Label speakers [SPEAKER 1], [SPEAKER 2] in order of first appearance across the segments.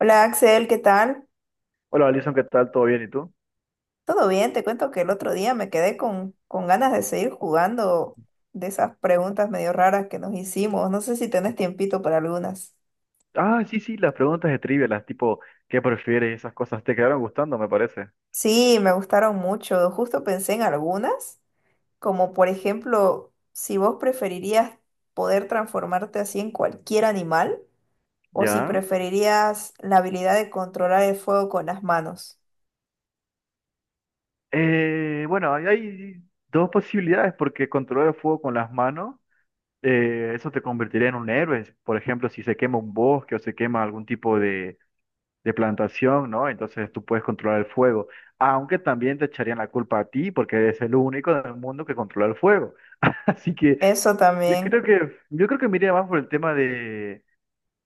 [SPEAKER 1] Hola Axel, ¿qué tal?
[SPEAKER 2] Hola, Alison, ¿qué tal? ¿Todo bien? ¿Y tú?
[SPEAKER 1] ¿Todo bien? Te cuento que el otro día me quedé con ganas de seguir jugando de esas preguntas medio raras que nos hicimos. No sé si tenés tiempito para algunas.
[SPEAKER 2] Ah, sí, sí, las preguntas de trivia, las tipo, ¿qué prefieres? Y esas cosas te quedaron gustando, me parece.
[SPEAKER 1] Sí, me gustaron mucho. Justo pensé en algunas, como por ejemplo, si vos preferirías poder transformarte así en cualquier animal o si
[SPEAKER 2] ¿Ya?
[SPEAKER 1] preferirías la habilidad de controlar el fuego con las manos.
[SPEAKER 2] Bueno, ahí hay dos posibilidades, porque controlar el fuego con las manos, eso te convertiría en un héroe. Por ejemplo, si se quema un bosque o se quema algún tipo de plantación, ¿no? Entonces tú puedes controlar el fuego. Aunque también te echarían la culpa a ti, porque eres el único en el mundo que controla el fuego. Así que
[SPEAKER 1] Eso
[SPEAKER 2] yo
[SPEAKER 1] también.
[SPEAKER 2] creo que, yo creo que me iría más por el tema de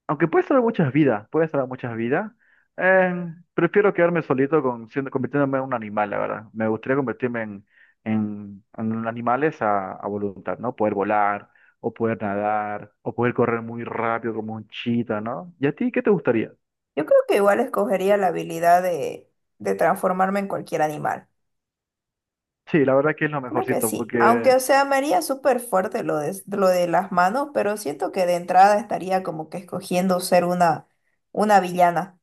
[SPEAKER 2] aunque puede salvar muchas vidas, puede salvar muchas vidas. eh, Prefiero quedarme solito con, siendo, convirtiéndome en un animal, la verdad. Me gustaría convertirme en, en animales a voluntad, ¿no? Poder volar, o poder nadar, o poder correr muy rápido como un chita, ¿no? ¿Y a ti qué te gustaría?
[SPEAKER 1] Yo creo que igual escogería la habilidad de transformarme en cualquier animal.
[SPEAKER 2] Sí, la verdad que es lo
[SPEAKER 1] Creo que
[SPEAKER 2] mejorcito,
[SPEAKER 1] sí, aunque
[SPEAKER 2] porque...
[SPEAKER 1] o sea, me haría súper fuerte lo de, las manos, pero siento que de entrada estaría como que escogiendo ser una, villana.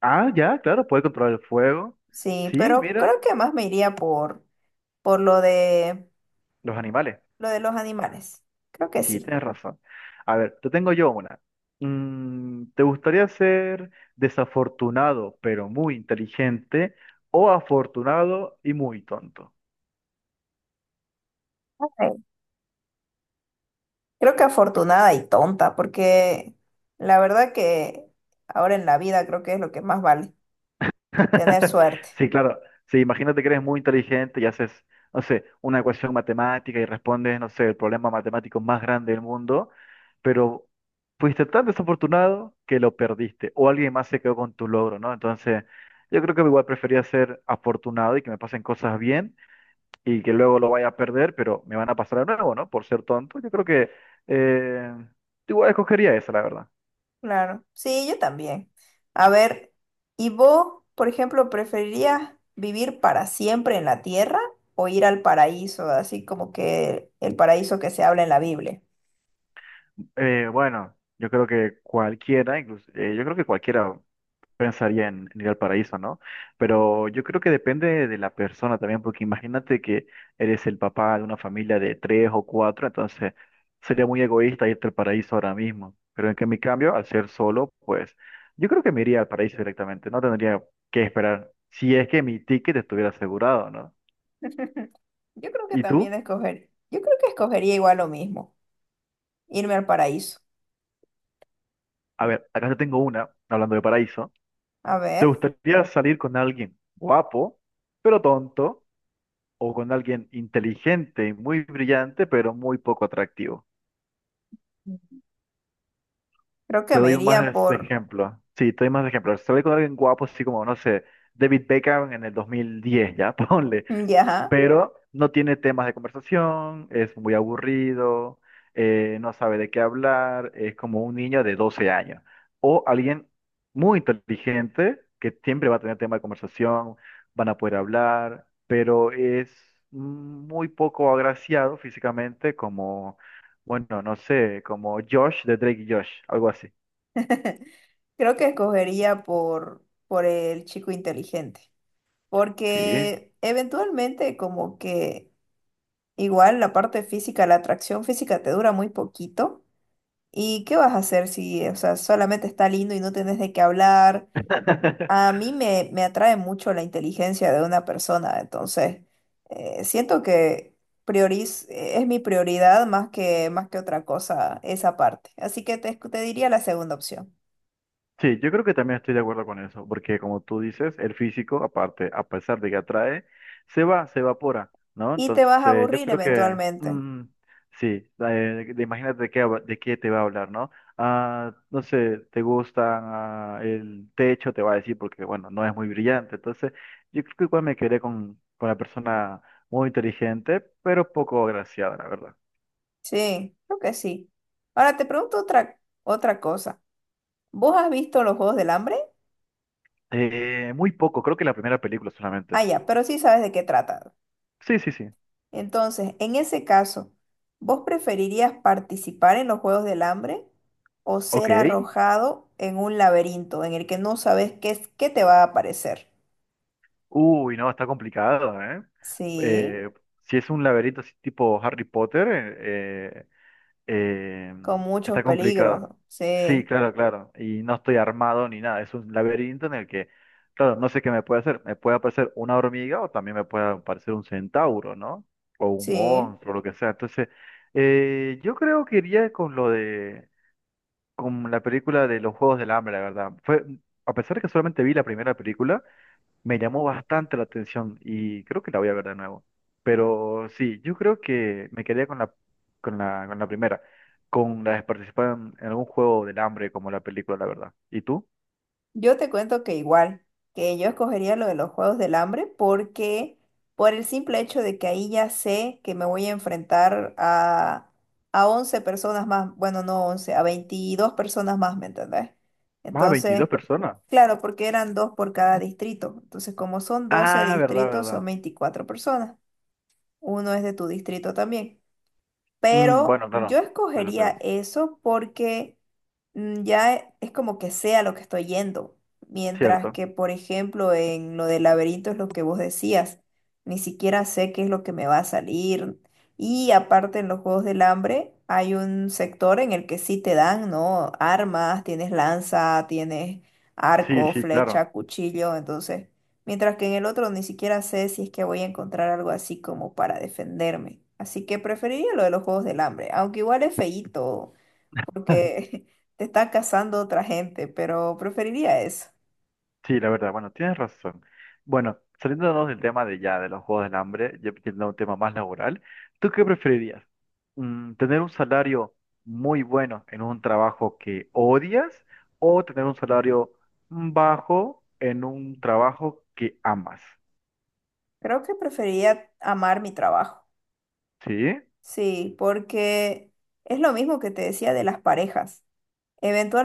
[SPEAKER 2] Ah, ya, claro, puede controlar el fuego.
[SPEAKER 1] Sí,
[SPEAKER 2] Sí,
[SPEAKER 1] pero
[SPEAKER 2] mira,
[SPEAKER 1] creo que más me iría por lo de,
[SPEAKER 2] los animales.
[SPEAKER 1] lo de los animales. Creo que
[SPEAKER 2] Sí,
[SPEAKER 1] sí.
[SPEAKER 2] tienes razón. A ver, te tengo yo una. ¿Te gustaría ser desafortunado pero muy inteligente o afortunado y muy tonto?
[SPEAKER 1] Ok. Creo que afortunada y tonta, porque la verdad que ahora en la vida creo que es lo que más vale, tener suerte.
[SPEAKER 2] Sí, claro. Sí, imagínate que eres muy inteligente y haces, no sé, una ecuación matemática y respondes, no sé, el problema matemático más grande del mundo, pero fuiste tan desafortunado que lo perdiste o alguien más se quedó con tu logro, ¿no? Entonces, yo creo que igual prefería ser afortunado y que me pasen cosas bien y que luego lo vaya a perder, pero me van a pasar de nuevo, ¿no? Por ser tonto, yo creo que eh, igual escogería esa, la verdad.
[SPEAKER 1] Claro, sí, yo también. A ver, ¿y vos, por ejemplo, preferirías vivir para siempre en la tierra o ir al paraíso, así como que el paraíso que se habla en la Biblia?
[SPEAKER 2] Bueno, yo creo que cualquiera, incluso, yo creo que cualquiera pensaría en ir al paraíso, ¿no? Pero yo creo que depende de la persona también, porque imagínate que eres el papá de una familia de tres o cuatro, entonces sería muy egoísta irte al paraíso ahora mismo. Pero en que en mi cambio, al ser solo, pues yo creo que me iría al paraíso directamente, no tendría que esperar, si es que mi ticket estuviera asegurado, ¿no?
[SPEAKER 1] Yo creo que
[SPEAKER 2] ¿Y
[SPEAKER 1] también
[SPEAKER 2] tú?
[SPEAKER 1] escoger, yo creo que escogería igual lo mismo, irme al paraíso.
[SPEAKER 2] A ver, acá te tengo una, hablando de paraíso.
[SPEAKER 1] A
[SPEAKER 2] ¿Te
[SPEAKER 1] ver,
[SPEAKER 2] gustaría salir con alguien guapo, pero tonto, o con alguien inteligente y muy brillante, pero muy poco atractivo?
[SPEAKER 1] creo que
[SPEAKER 2] Te
[SPEAKER 1] me
[SPEAKER 2] doy
[SPEAKER 1] iría
[SPEAKER 2] más
[SPEAKER 1] por,
[SPEAKER 2] ejemplos. Sí, te doy más ejemplos. Se Sale con alguien guapo, así como, no sé, David Beckham en el 2010, ya, ponle,
[SPEAKER 1] ya,
[SPEAKER 2] pero no tiene temas de conversación, es muy aburrido, no sabe de qué hablar, es como un niño de 12 años o alguien muy inteligente que siempre va a tener tema de conversación, van a poder hablar, pero es muy poco agraciado físicamente como, bueno, no sé, como Josh de Drake y Josh, algo así.
[SPEAKER 1] creo que escogería por el chico inteligente,
[SPEAKER 2] Sí.
[SPEAKER 1] porque eventualmente como que igual la parte física, la atracción física te dura muy poquito. ¿Y qué vas a hacer si, o sea, solamente está lindo y no tenés de qué hablar? A mí me atrae mucho la inteligencia de una persona, entonces siento que prioriz es mi prioridad más que, otra cosa esa parte. Así que te diría la segunda opción.
[SPEAKER 2] Sí, yo creo que también estoy de acuerdo con eso, porque como tú dices, el físico, aparte, a pesar de que atrae, se va, se evapora, ¿no?
[SPEAKER 1] Y te vas a
[SPEAKER 2] Entonces, yo
[SPEAKER 1] aburrir
[SPEAKER 2] creo que,
[SPEAKER 1] eventualmente.
[SPEAKER 2] sí, eh, imagínate de qué te va a hablar, ¿no? Ah, no sé, te gusta ah, el techo, te va a decir, porque, bueno, no es muy brillante. Entonces, yo creo que igual me quedé con la persona muy inteligente, pero poco agraciada, la verdad.
[SPEAKER 1] Sí, creo que sí. Ahora te pregunto otra cosa. ¿Vos has visto los Juegos del Hambre?
[SPEAKER 2] Muy poco, creo que la primera película solamente.
[SPEAKER 1] Ah, ya, pero sí sabes de qué trata.
[SPEAKER 2] Sí, sí, sí.
[SPEAKER 1] Entonces, en ese caso, ¿vos preferirías participar en los Juegos del Hambre o
[SPEAKER 2] Ok.
[SPEAKER 1] ser arrojado en un laberinto en el que no sabes qué es, qué te va a aparecer?
[SPEAKER 2] Uy, no, está complicado, ¿eh?
[SPEAKER 1] Sí,
[SPEAKER 2] Eh, si es un laberinto así tipo Harry Potter, eh, eh,
[SPEAKER 1] con muchos
[SPEAKER 2] está complicado.
[SPEAKER 1] peligros.
[SPEAKER 2] Sí,
[SPEAKER 1] Sí,
[SPEAKER 2] claro, claro. Y no estoy armado ni nada. Es un laberinto en el que, claro, no sé qué me puede hacer. Me puede aparecer una hormiga o también me puede aparecer un centauro, ¿no? O un
[SPEAKER 1] sí.
[SPEAKER 2] monstruo, lo que sea. Entonces, yo creo que iría con lo de, con la película de los Juegos del Hambre, la verdad. Fue, a pesar de que solamente vi la primera película, me llamó bastante la atención y creo que la voy a ver de nuevo. Pero sí, yo creo que me quedaría con la primera, con la de participar en algún juego del hambre como la película, la verdad. ¿Y tú?
[SPEAKER 1] Yo te cuento que igual, que yo escogería lo de los Juegos del Hambre porque por el simple hecho de que ahí ya sé que me voy a enfrentar a 11 personas más, bueno, no 11 a 22 personas más, ¿me entendés?
[SPEAKER 2] Más 22
[SPEAKER 1] Entonces,
[SPEAKER 2] personas.
[SPEAKER 1] claro, porque eran dos por cada distrito. Entonces, como son 12
[SPEAKER 2] Ah, verdad,
[SPEAKER 1] distritos, son
[SPEAKER 2] verdad.
[SPEAKER 1] 24 personas. Uno es de tu distrito también.
[SPEAKER 2] Mm,
[SPEAKER 1] Pero
[SPEAKER 2] bueno,
[SPEAKER 1] yo
[SPEAKER 2] claro, claro,
[SPEAKER 1] escogería
[SPEAKER 2] claro.
[SPEAKER 1] eso porque ya es como que sea lo que estoy yendo. Mientras
[SPEAKER 2] Cierto.
[SPEAKER 1] que, por ejemplo, en lo del laberinto es lo que vos decías. Ni siquiera sé qué es lo que me va a salir. Y aparte en los Juegos del Hambre hay un sector en el que sí te dan, ¿no? Armas, tienes lanza, tienes
[SPEAKER 2] Sí,
[SPEAKER 1] arco,
[SPEAKER 2] sí, claro.
[SPEAKER 1] flecha, cuchillo. Entonces mientras que en el otro ni siquiera sé si es que voy a encontrar algo así como para defenderme. Así que preferiría lo de los juegos del hambre, aunque igual es feíto, porque te está cazando otra gente, pero preferiría eso.
[SPEAKER 2] Sí, la verdad, bueno, tienes razón. Bueno, saliéndonos del tema de ya, de los juegos del hambre, yo pidiendo un tema más laboral, ¿tú qué preferirías? ¿Tener un salario muy bueno en un trabajo que odias o tener un salario bajo en un trabajo que amas?
[SPEAKER 1] Creo que preferiría amar mi trabajo.
[SPEAKER 2] ¿Sí?
[SPEAKER 1] Sí, porque es lo mismo que te decía de las parejas.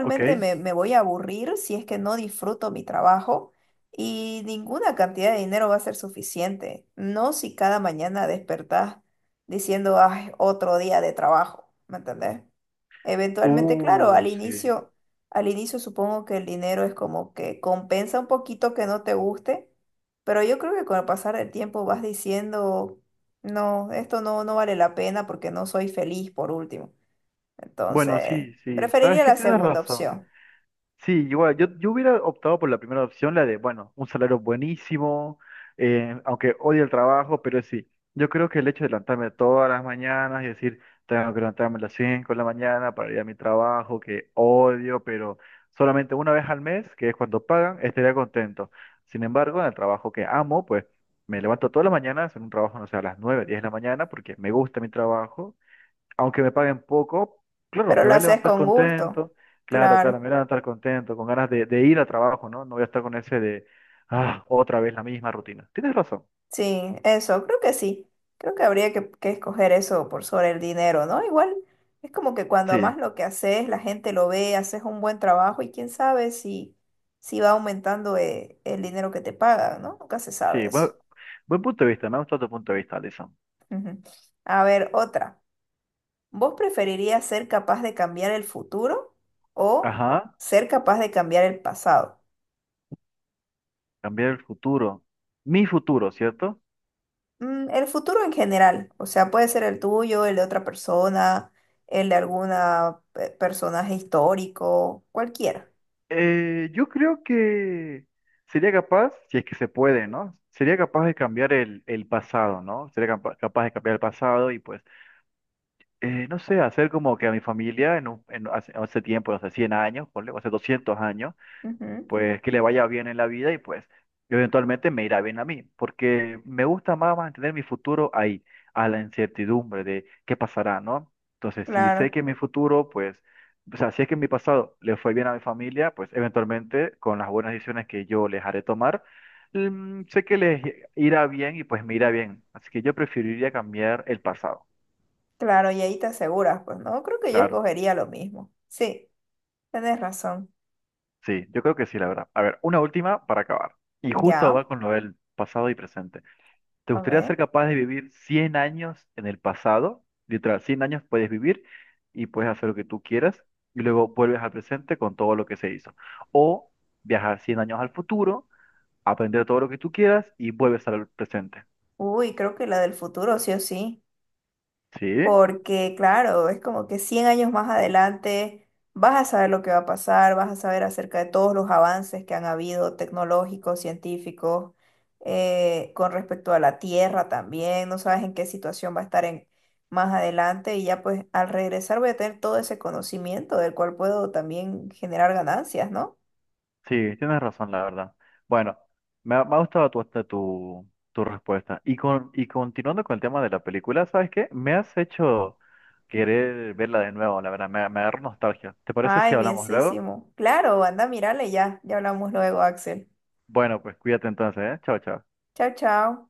[SPEAKER 2] ¿Ok?
[SPEAKER 1] me voy a aburrir si es que no disfruto mi trabajo y ninguna cantidad de dinero va a ser suficiente. No si cada mañana despertás diciendo, ay, otro día de trabajo, ¿me entendés? Eventualmente, claro, al
[SPEAKER 2] Sí.
[SPEAKER 1] inicio, al inicio supongo que el dinero es como que compensa un poquito que no te guste, pero yo creo que con el pasar del tiempo vas diciendo, no, esto no, no vale la pena porque no soy feliz por último.
[SPEAKER 2] Bueno,
[SPEAKER 1] Entonces,
[SPEAKER 2] sí, sí, sabes
[SPEAKER 1] preferiría
[SPEAKER 2] que
[SPEAKER 1] la
[SPEAKER 2] tienes
[SPEAKER 1] segunda
[SPEAKER 2] razón.
[SPEAKER 1] opción,
[SPEAKER 2] Sí, igual, yo hubiera optado por la primera opción, la de, bueno, un salario buenísimo, aunque odio el trabajo, pero sí, yo creo que el hecho de levantarme todas las mañanas y decir, tengo que levantarme a las 5 de la mañana para ir a mi trabajo, que odio, pero solamente una vez al mes, que es cuando pagan, estaría contento. Sin embargo, en el trabajo que amo, pues me levanto todas las mañanas, en un trabajo, no sé, a las 9 10 de la mañana, porque me gusta mi trabajo aunque me paguen poco, claro,
[SPEAKER 1] pero
[SPEAKER 2] me
[SPEAKER 1] lo
[SPEAKER 2] voy a
[SPEAKER 1] haces
[SPEAKER 2] levantar
[SPEAKER 1] con gusto.
[SPEAKER 2] contento, claro, claro, me
[SPEAKER 1] Claro,
[SPEAKER 2] voy a levantar contento, con ganas de ir a trabajo, ¿no? No voy a estar con ese de, ah, otra vez la misma rutina. Tienes razón,
[SPEAKER 1] sí, eso, creo que sí. Creo que habría que, escoger eso por sobre el dinero, ¿no? Igual es como que cuando
[SPEAKER 2] sí,
[SPEAKER 1] amas lo que haces, la gente lo ve, haces un buen trabajo y quién sabe si va aumentando el dinero que te pagan, ¿no? Nunca se sabe
[SPEAKER 2] sí,
[SPEAKER 1] eso.
[SPEAKER 2] buen punto de vista, me ha gustado tu punto de vista, Alison.
[SPEAKER 1] Ujú. A ver, otra. ¿Vos preferirías ser capaz de cambiar el futuro o
[SPEAKER 2] Ajá,
[SPEAKER 1] ser capaz de cambiar el pasado?
[SPEAKER 2] cambiar el futuro, mi futuro, ¿cierto?
[SPEAKER 1] El futuro en general, o sea, puede ser el tuyo, el de otra persona, el de alguna personaje histórico, cualquiera.
[SPEAKER 2] Yo creo que sería capaz, si es que se puede, ¿no? Sería capaz de cambiar el pasado, ¿no? Sería capaz de cambiar el pasado y pues no sé, hacer como que a mi familia en hace, hace tiempo, hace 100 años, ponle, o hace 200 años,
[SPEAKER 1] Ujú,
[SPEAKER 2] pues que le vaya bien en la vida y pues yo eventualmente me irá bien a mí, porque me gusta más mantener mi futuro ahí, a la incertidumbre de qué pasará, ¿no? Entonces, si sé
[SPEAKER 1] claro,
[SPEAKER 2] que mi futuro, pues, o sea, si es que en mi pasado le fue bien a mi familia, pues eventualmente con las buenas decisiones que yo les haré tomar, sé que les irá bien y pues me irá bien. Así que yo preferiría cambiar el pasado,
[SPEAKER 1] claro, y ahí te aseguras, pues no, creo que yo
[SPEAKER 2] claro.
[SPEAKER 1] escogería lo mismo. Sí, tienes razón.
[SPEAKER 2] Sí, yo creo que sí, la verdad. A ver, una última para acabar. Y justo va
[SPEAKER 1] Ya,
[SPEAKER 2] con lo del pasado y presente. ¿Te
[SPEAKER 1] a
[SPEAKER 2] gustaría ser
[SPEAKER 1] ver.
[SPEAKER 2] capaz de vivir 100 años en el pasado? Literal, 100 años puedes vivir y puedes hacer lo que tú quieras y luego vuelves al presente con todo lo que se hizo. O viajar 100 años al futuro, aprender todo lo que tú quieras y vuelves al presente.
[SPEAKER 1] Uy, creo que la del futuro, sí o sí.
[SPEAKER 2] ¿Sí?
[SPEAKER 1] Porque, claro, es como que 100 años más adelante vas a saber lo que va a pasar, vas a saber acerca de todos los avances que han habido tecnológicos, científicos, con respecto a la Tierra también, no sabes en qué situación va a estar en, más adelante y ya pues al regresar voy a tener todo ese conocimiento del cual puedo también generar ganancias, ¿no?
[SPEAKER 2] Sí, tienes razón, la verdad. Bueno, me ha gustado tu respuesta. Y continuando con el tema de la película, ¿sabes qué? Me has hecho querer verla de nuevo, la verdad, me agarró nostalgia. ¿Te parece si
[SPEAKER 1] Ay,
[SPEAKER 2] hablamos luego?
[SPEAKER 1] bienísimo. Claro, anda, mírale ya. Ya hablamos luego, Axel.
[SPEAKER 2] Bueno, pues cuídate entonces, ¿eh? Chao, chao.
[SPEAKER 1] Chao, chao.